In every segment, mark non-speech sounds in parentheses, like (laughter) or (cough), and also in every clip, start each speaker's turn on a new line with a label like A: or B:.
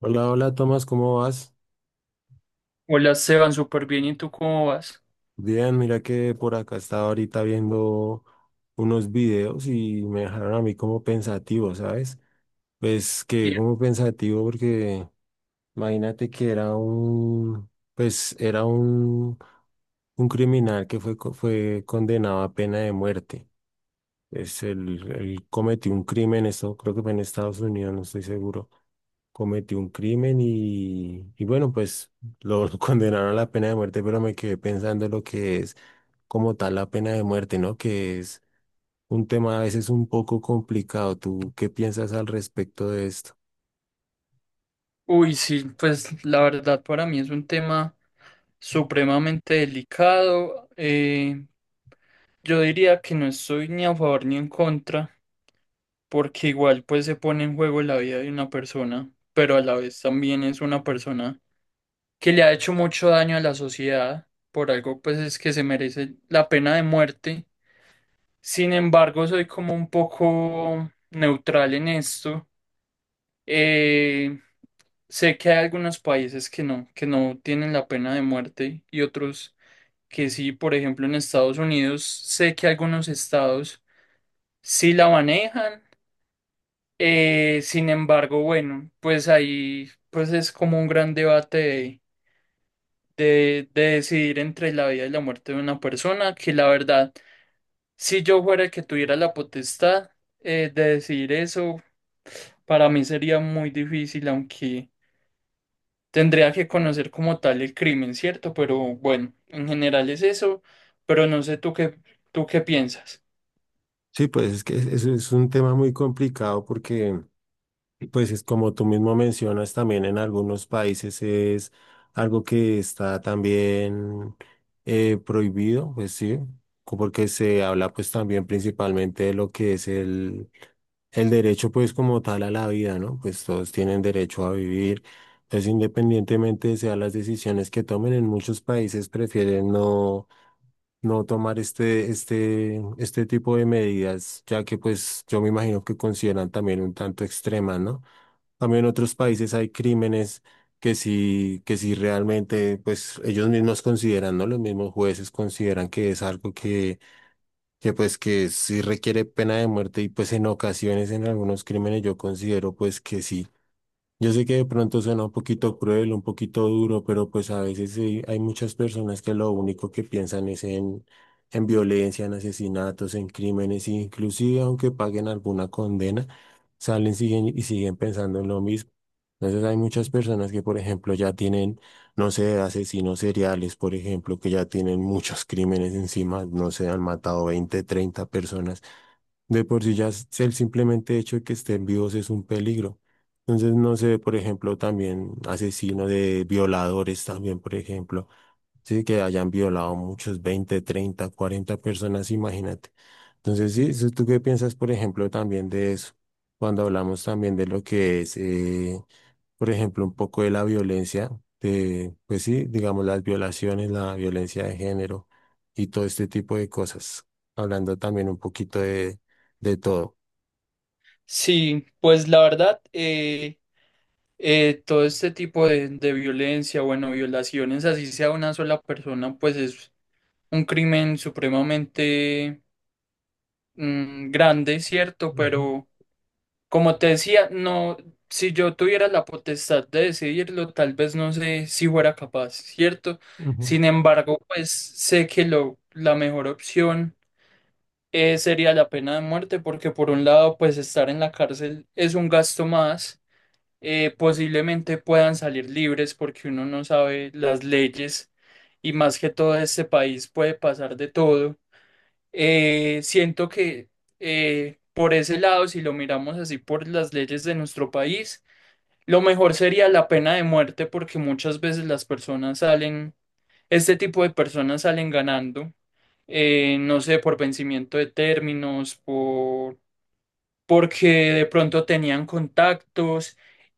A: Hola, hola Tomás, ¿cómo vas?
B: Hola, Esteban, súper bien. ¿Y tú cómo vas?
A: Bien, mira que por acá estaba ahorita viendo unos videos y me dejaron a mí como pensativo, ¿sabes? Pues que
B: Bien.
A: como pensativo porque imagínate que era un, pues era un criminal que fue condenado a pena de muerte. Él cometió un crimen, eso creo que fue en Estados Unidos, no estoy seguro. Cometió un crimen y bueno, pues lo, (laughs) lo condenaron a la pena de muerte, pero me quedé pensando lo que es como tal la pena de muerte, ¿no? Que es un tema a veces un poco complicado. ¿Tú qué piensas al respecto de esto?
B: Uy, sí, pues la verdad para mí es un tema supremamente delicado. Yo diría que no estoy ni a favor ni en contra, porque igual pues se pone en juego la vida de una persona, pero a la vez también es una persona que le ha hecho mucho daño a la sociedad, por algo pues es que se merece la pena de muerte. Sin embargo, soy como un poco neutral en esto. Eh, sé que hay algunos países que no tienen la pena de muerte y otros que sí, por ejemplo, en Estados Unidos, sé que algunos estados sí la manejan. Sin embargo, bueno, pues ahí pues es como un gran debate de decidir entre la vida y la muerte de una persona, que la verdad, si yo fuera el que tuviera la potestad de decidir eso, para mí sería muy difícil, aunque tendría que conocer como tal el crimen, ¿cierto? Pero bueno, en general es eso, pero no sé tú qué piensas.
A: Sí, pues es un tema muy complicado porque pues es como tú mismo mencionas, también en algunos países es algo que está también prohibido, pues sí, porque se habla pues también principalmente de lo que es el derecho pues como tal a la vida, ¿no? Pues todos tienen derecho a vivir, entonces independientemente sean las decisiones que tomen, en muchos países prefieren no, no tomar este tipo de medidas, ya que pues yo me imagino que consideran también un tanto extremas, ¿no? También en otros países hay crímenes que sí realmente, pues ellos mismos consideran, ¿no? Los mismos jueces consideran que es algo que pues que sí requiere pena de muerte y pues en ocasiones en algunos crímenes yo considero pues que sí. Yo sé que de pronto suena un poquito cruel, un poquito duro, pero pues a veces sí, hay muchas personas que lo único que piensan es en violencia, en asesinatos, en crímenes, e inclusive aunque paguen alguna condena, y siguen pensando en lo mismo. Entonces hay muchas personas que, por ejemplo, ya tienen, no sé, asesinos seriales, por ejemplo, que ya tienen muchos crímenes encima, no sé, han matado 20 30 personas. De por sí ya el simplemente hecho de que estén vivos es un peligro. Entonces, no sé, por ejemplo, también asesinos de violadores también, por ejemplo, sí, que hayan violado muchos 20 30 40 personas, imagínate. Entonces, sí, eso, ¿tú qué piensas, por ejemplo, también de eso? Cuando hablamos también de lo que es, por ejemplo, un poco de la violencia, pues sí, digamos las violaciones, la violencia de género y todo este tipo de cosas, hablando también un poquito de todo.
B: Sí, pues la verdad, todo este tipo de violencia, bueno, violaciones, así sea una sola persona, pues es un crimen supremamente grande, ¿cierto?
A: Ujú,
B: Pero como te decía, no, si yo tuviera la potestad de decidirlo, tal vez no sé si fuera capaz, ¿cierto?
A: ujú,
B: Sin embargo, pues sé que lo, la mejor opción sería la pena de muerte, porque por un lado, pues estar en la cárcel es un gasto más, posiblemente puedan salir libres porque uno no sabe las leyes y más que todo este país puede pasar de todo. Siento que por ese lado, si lo miramos así por las leyes de nuestro país, lo mejor sería la pena de muerte porque muchas veces las personas salen, este tipo de personas salen ganando, no sé, por vencimiento de términos, porque de pronto tenían contactos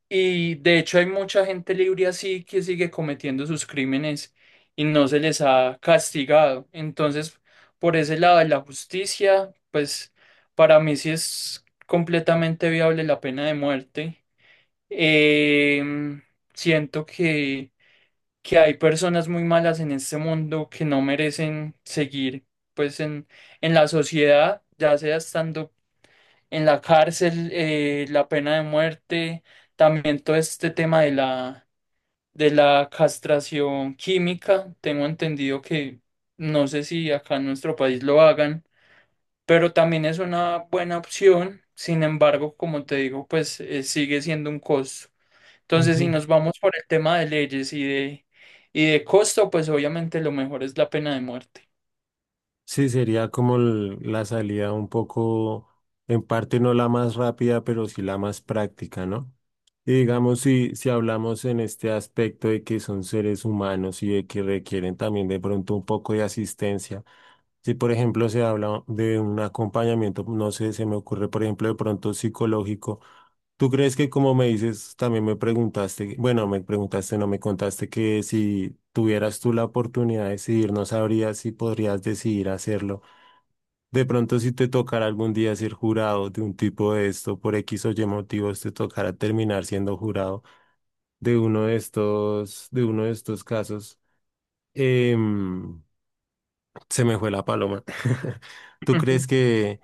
B: y de hecho hay mucha gente libre así que sigue cometiendo sus crímenes y no se les ha castigado. Entonces, por ese lado de la justicia, pues para mí sí es completamente viable la pena de muerte. Em, siento que hay personas muy malas en este mundo que no merecen seguir pues en la sociedad, ya sea estando en la cárcel, la pena de muerte, también todo este tema de la castración química. Tengo entendido que no sé si acá en nuestro país lo hagan, pero también es una buena opción. Sin embargo, como te digo, pues sigue siendo un costo. Entonces, si
A: ujú.
B: nos vamos por el tema de leyes y de costo, pues obviamente lo mejor es la pena de muerte.
A: Sí, sería como la salida un poco, en parte no la más rápida, pero sí la más práctica, ¿no? Y digamos, si hablamos en este aspecto de que son seres humanos y de que requieren también de pronto un poco de asistencia, si por ejemplo se habla de un acompañamiento, no sé, se me ocurre por ejemplo de pronto psicológico, ¿tú crees que como me dices, también me preguntaste, bueno, me preguntaste, no me contaste que si tuvieras tú la oportunidad de decidir, no sabrías si podrías decidir hacerlo? De pronto, si te tocará algún día ser jurado de un tipo de esto, por X o Y motivos, te tocará terminar siendo jurado de uno de estos, de uno de estos casos. Em, se me fue la paloma. (laughs) ¿Tú
B: Ujú.
A: crees que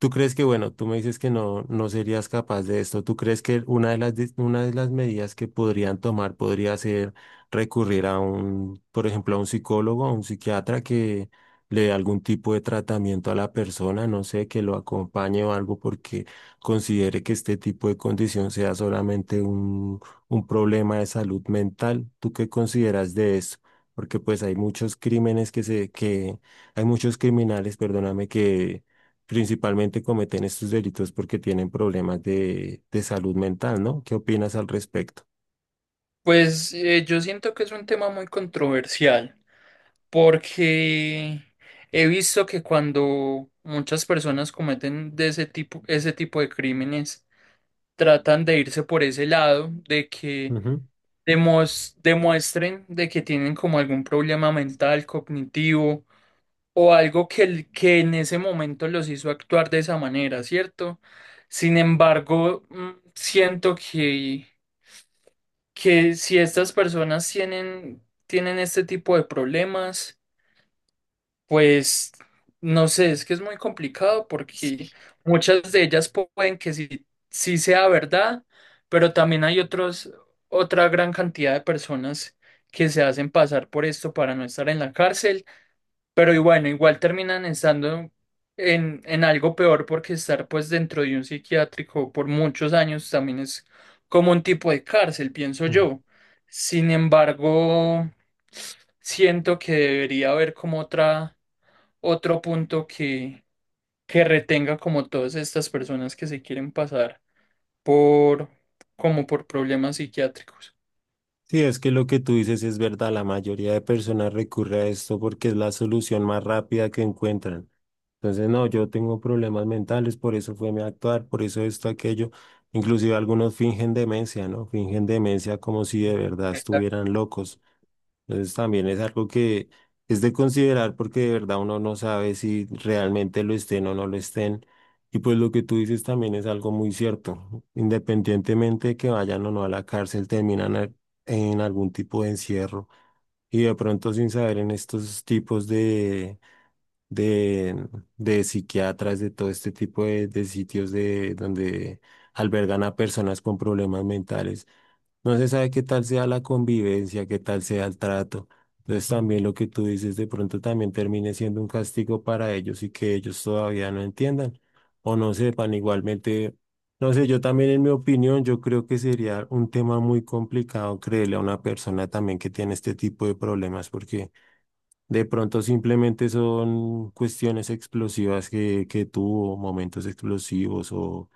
A: ¿Tú crees que, bueno, tú me dices que no, no serías capaz de esto? ¿Tú crees que una de una de las medidas que podrían tomar podría ser recurrir a un, por ejemplo, a un psicólogo, a un psiquiatra que le dé algún tipo de tratamiento a la persona, no sé, que lo acompañe o algo porque considere que este tipo de condición sea solamente un problema de salud mental? ¿Tú qué consideras de eso? Porque pues hay muchos crímenes hay muchos criminales, perdóname, que principalmente cometen estos delitos porque tienen problemas de salud mental, ¿no? ¿Qué opinas al respecto?
B: Pues yo siento que es un tema muy controversial, porque he visto que cuando muchas personas cometen de ese tipo de crímenes, tratan de irse por ese lado, de que
A: Ujú.
B: demuestren de que tienen como algún problema mental, cognitivo o algo que, que en ese momento los hizo actuar de esa manera, ¿cierto? Sin embargo, siento que si estas personas tienen, tienen este tipo de problemas, pues no sé, es que es muy complicado porque muchas de ellas pueden que sí, sí sea verdad, pero también hay otros, otra gran cantidad de personas que se hacen pasar por esto para no estar en la cárcel, pero y bueno, igual terminan estando en algo peor porque estar pues dentro de un psiquiátrico por muchos años también es como un tipo de cárcel, pienso
A: Mm.
B: yo. Sin embargo, siento que debería haber como otra, otro punto que retenga como todas estas personas que se quieren pasar por como por problemas psiquiátricos.
A: Sí, es que lo que tú dices es verdad, la mayoría de personas recurre a esto porque es la solución más rápida que encuentran. Entonces, no, yo tengo problemas mentales, por eso fue mi actuar, por eso esto, aquello. Inclusive algunos fingen demencia, ¿no? Fingen demencia como si de verdad estuvieran locos. Entonces también es algo que es de considerar porque de verdad uno no sabe si realmente lo estén o no lo estén. Y pues lo que tú dices también es algo muy cierto. Independientemente de que vayan o no a la cárcel, terminan en algún tipo de encierro. Y de pronto sin saber en estos tipos de, de psiquiatras, de todo este tipo de sitios de, donde albergan a personas con problemas mentales no se sabe qué tal sea la convivencia, qué tal sea el trato. Entonces también lo que tú dices de pronto también termine siendo un castigo para ellos y que ellos todavía no entiendan o no sepan. Igualmente, no sé, yo también en mi opinión, yo creo que sería un tema muy complicado creerle a una persona también que tiene este tipo de problemas porque de pronto simplemente son cuestiones explosivas que tuvo, momentos explosivos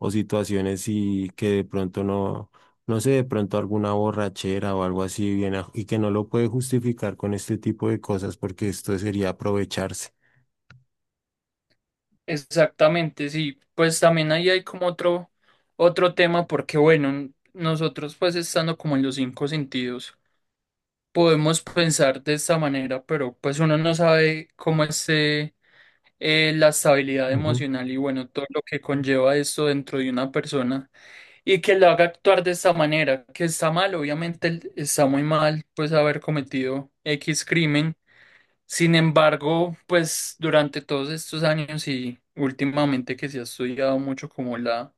A: o situaciones y que de pronto no, no sé, de pronto alguna borrachera o algo así viene y que no lo puede justificar con este tipo de cosas porque esto sería aprovecharse.
B: Exactamente, sí. Pues también ahí hay como otro, otro tema, porque bueno, nosotros pues estando como en los cinco sentidos, podemos pensar de esta manera, pero pues uno no sabe cómo esté la estabilidad emocional y bueno, todo lo que conlleva esto dentro de una persona y que la haga actuar de esa manera, que está mal, obviamente él está muy mal, pues haber cometido X crimen. Sin embargo, pues durante todos estos años y últimamente que se ha estudiado mucho como la,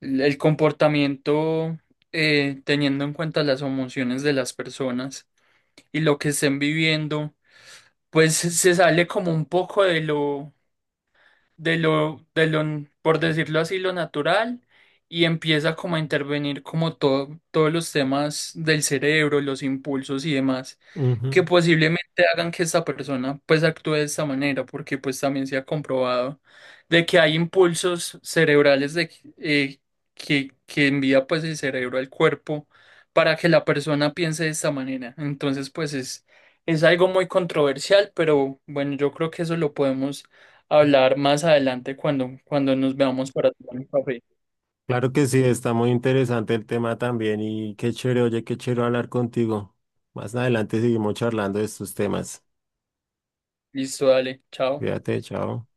B: el comportamiento teniendo en cuenta las emociones de las personas y lo que estén viviendo, pues se sale como un poco de lo de lo, de lo, por decirlo así, lo natural y empieza como a intervenir como todo, todos los temas del cerebro, los impulsos y demás
A: Ujú, ujú.
B: que posiblemente hagan que esta persona pues actúe de esta manera, porque pues también se ha comprobado de que hay impulsos cerebrales de, eh, que envía pues el cerebro al cuerpo para que la persona piense de esta manera. Entonces pues es algo muy controversial, pero bueno, yo creo que eso lo podemos hablar más adelante cuando, cuando nos veamos para tomar un café.
A: Claro que sí, está muy interesante el tema también y qué chévere, oye, qué chévere hablar contigo. Más adelante seguimos charlando de estos temas.
B: Listo, dale, chao.
A: Cuídate, chao.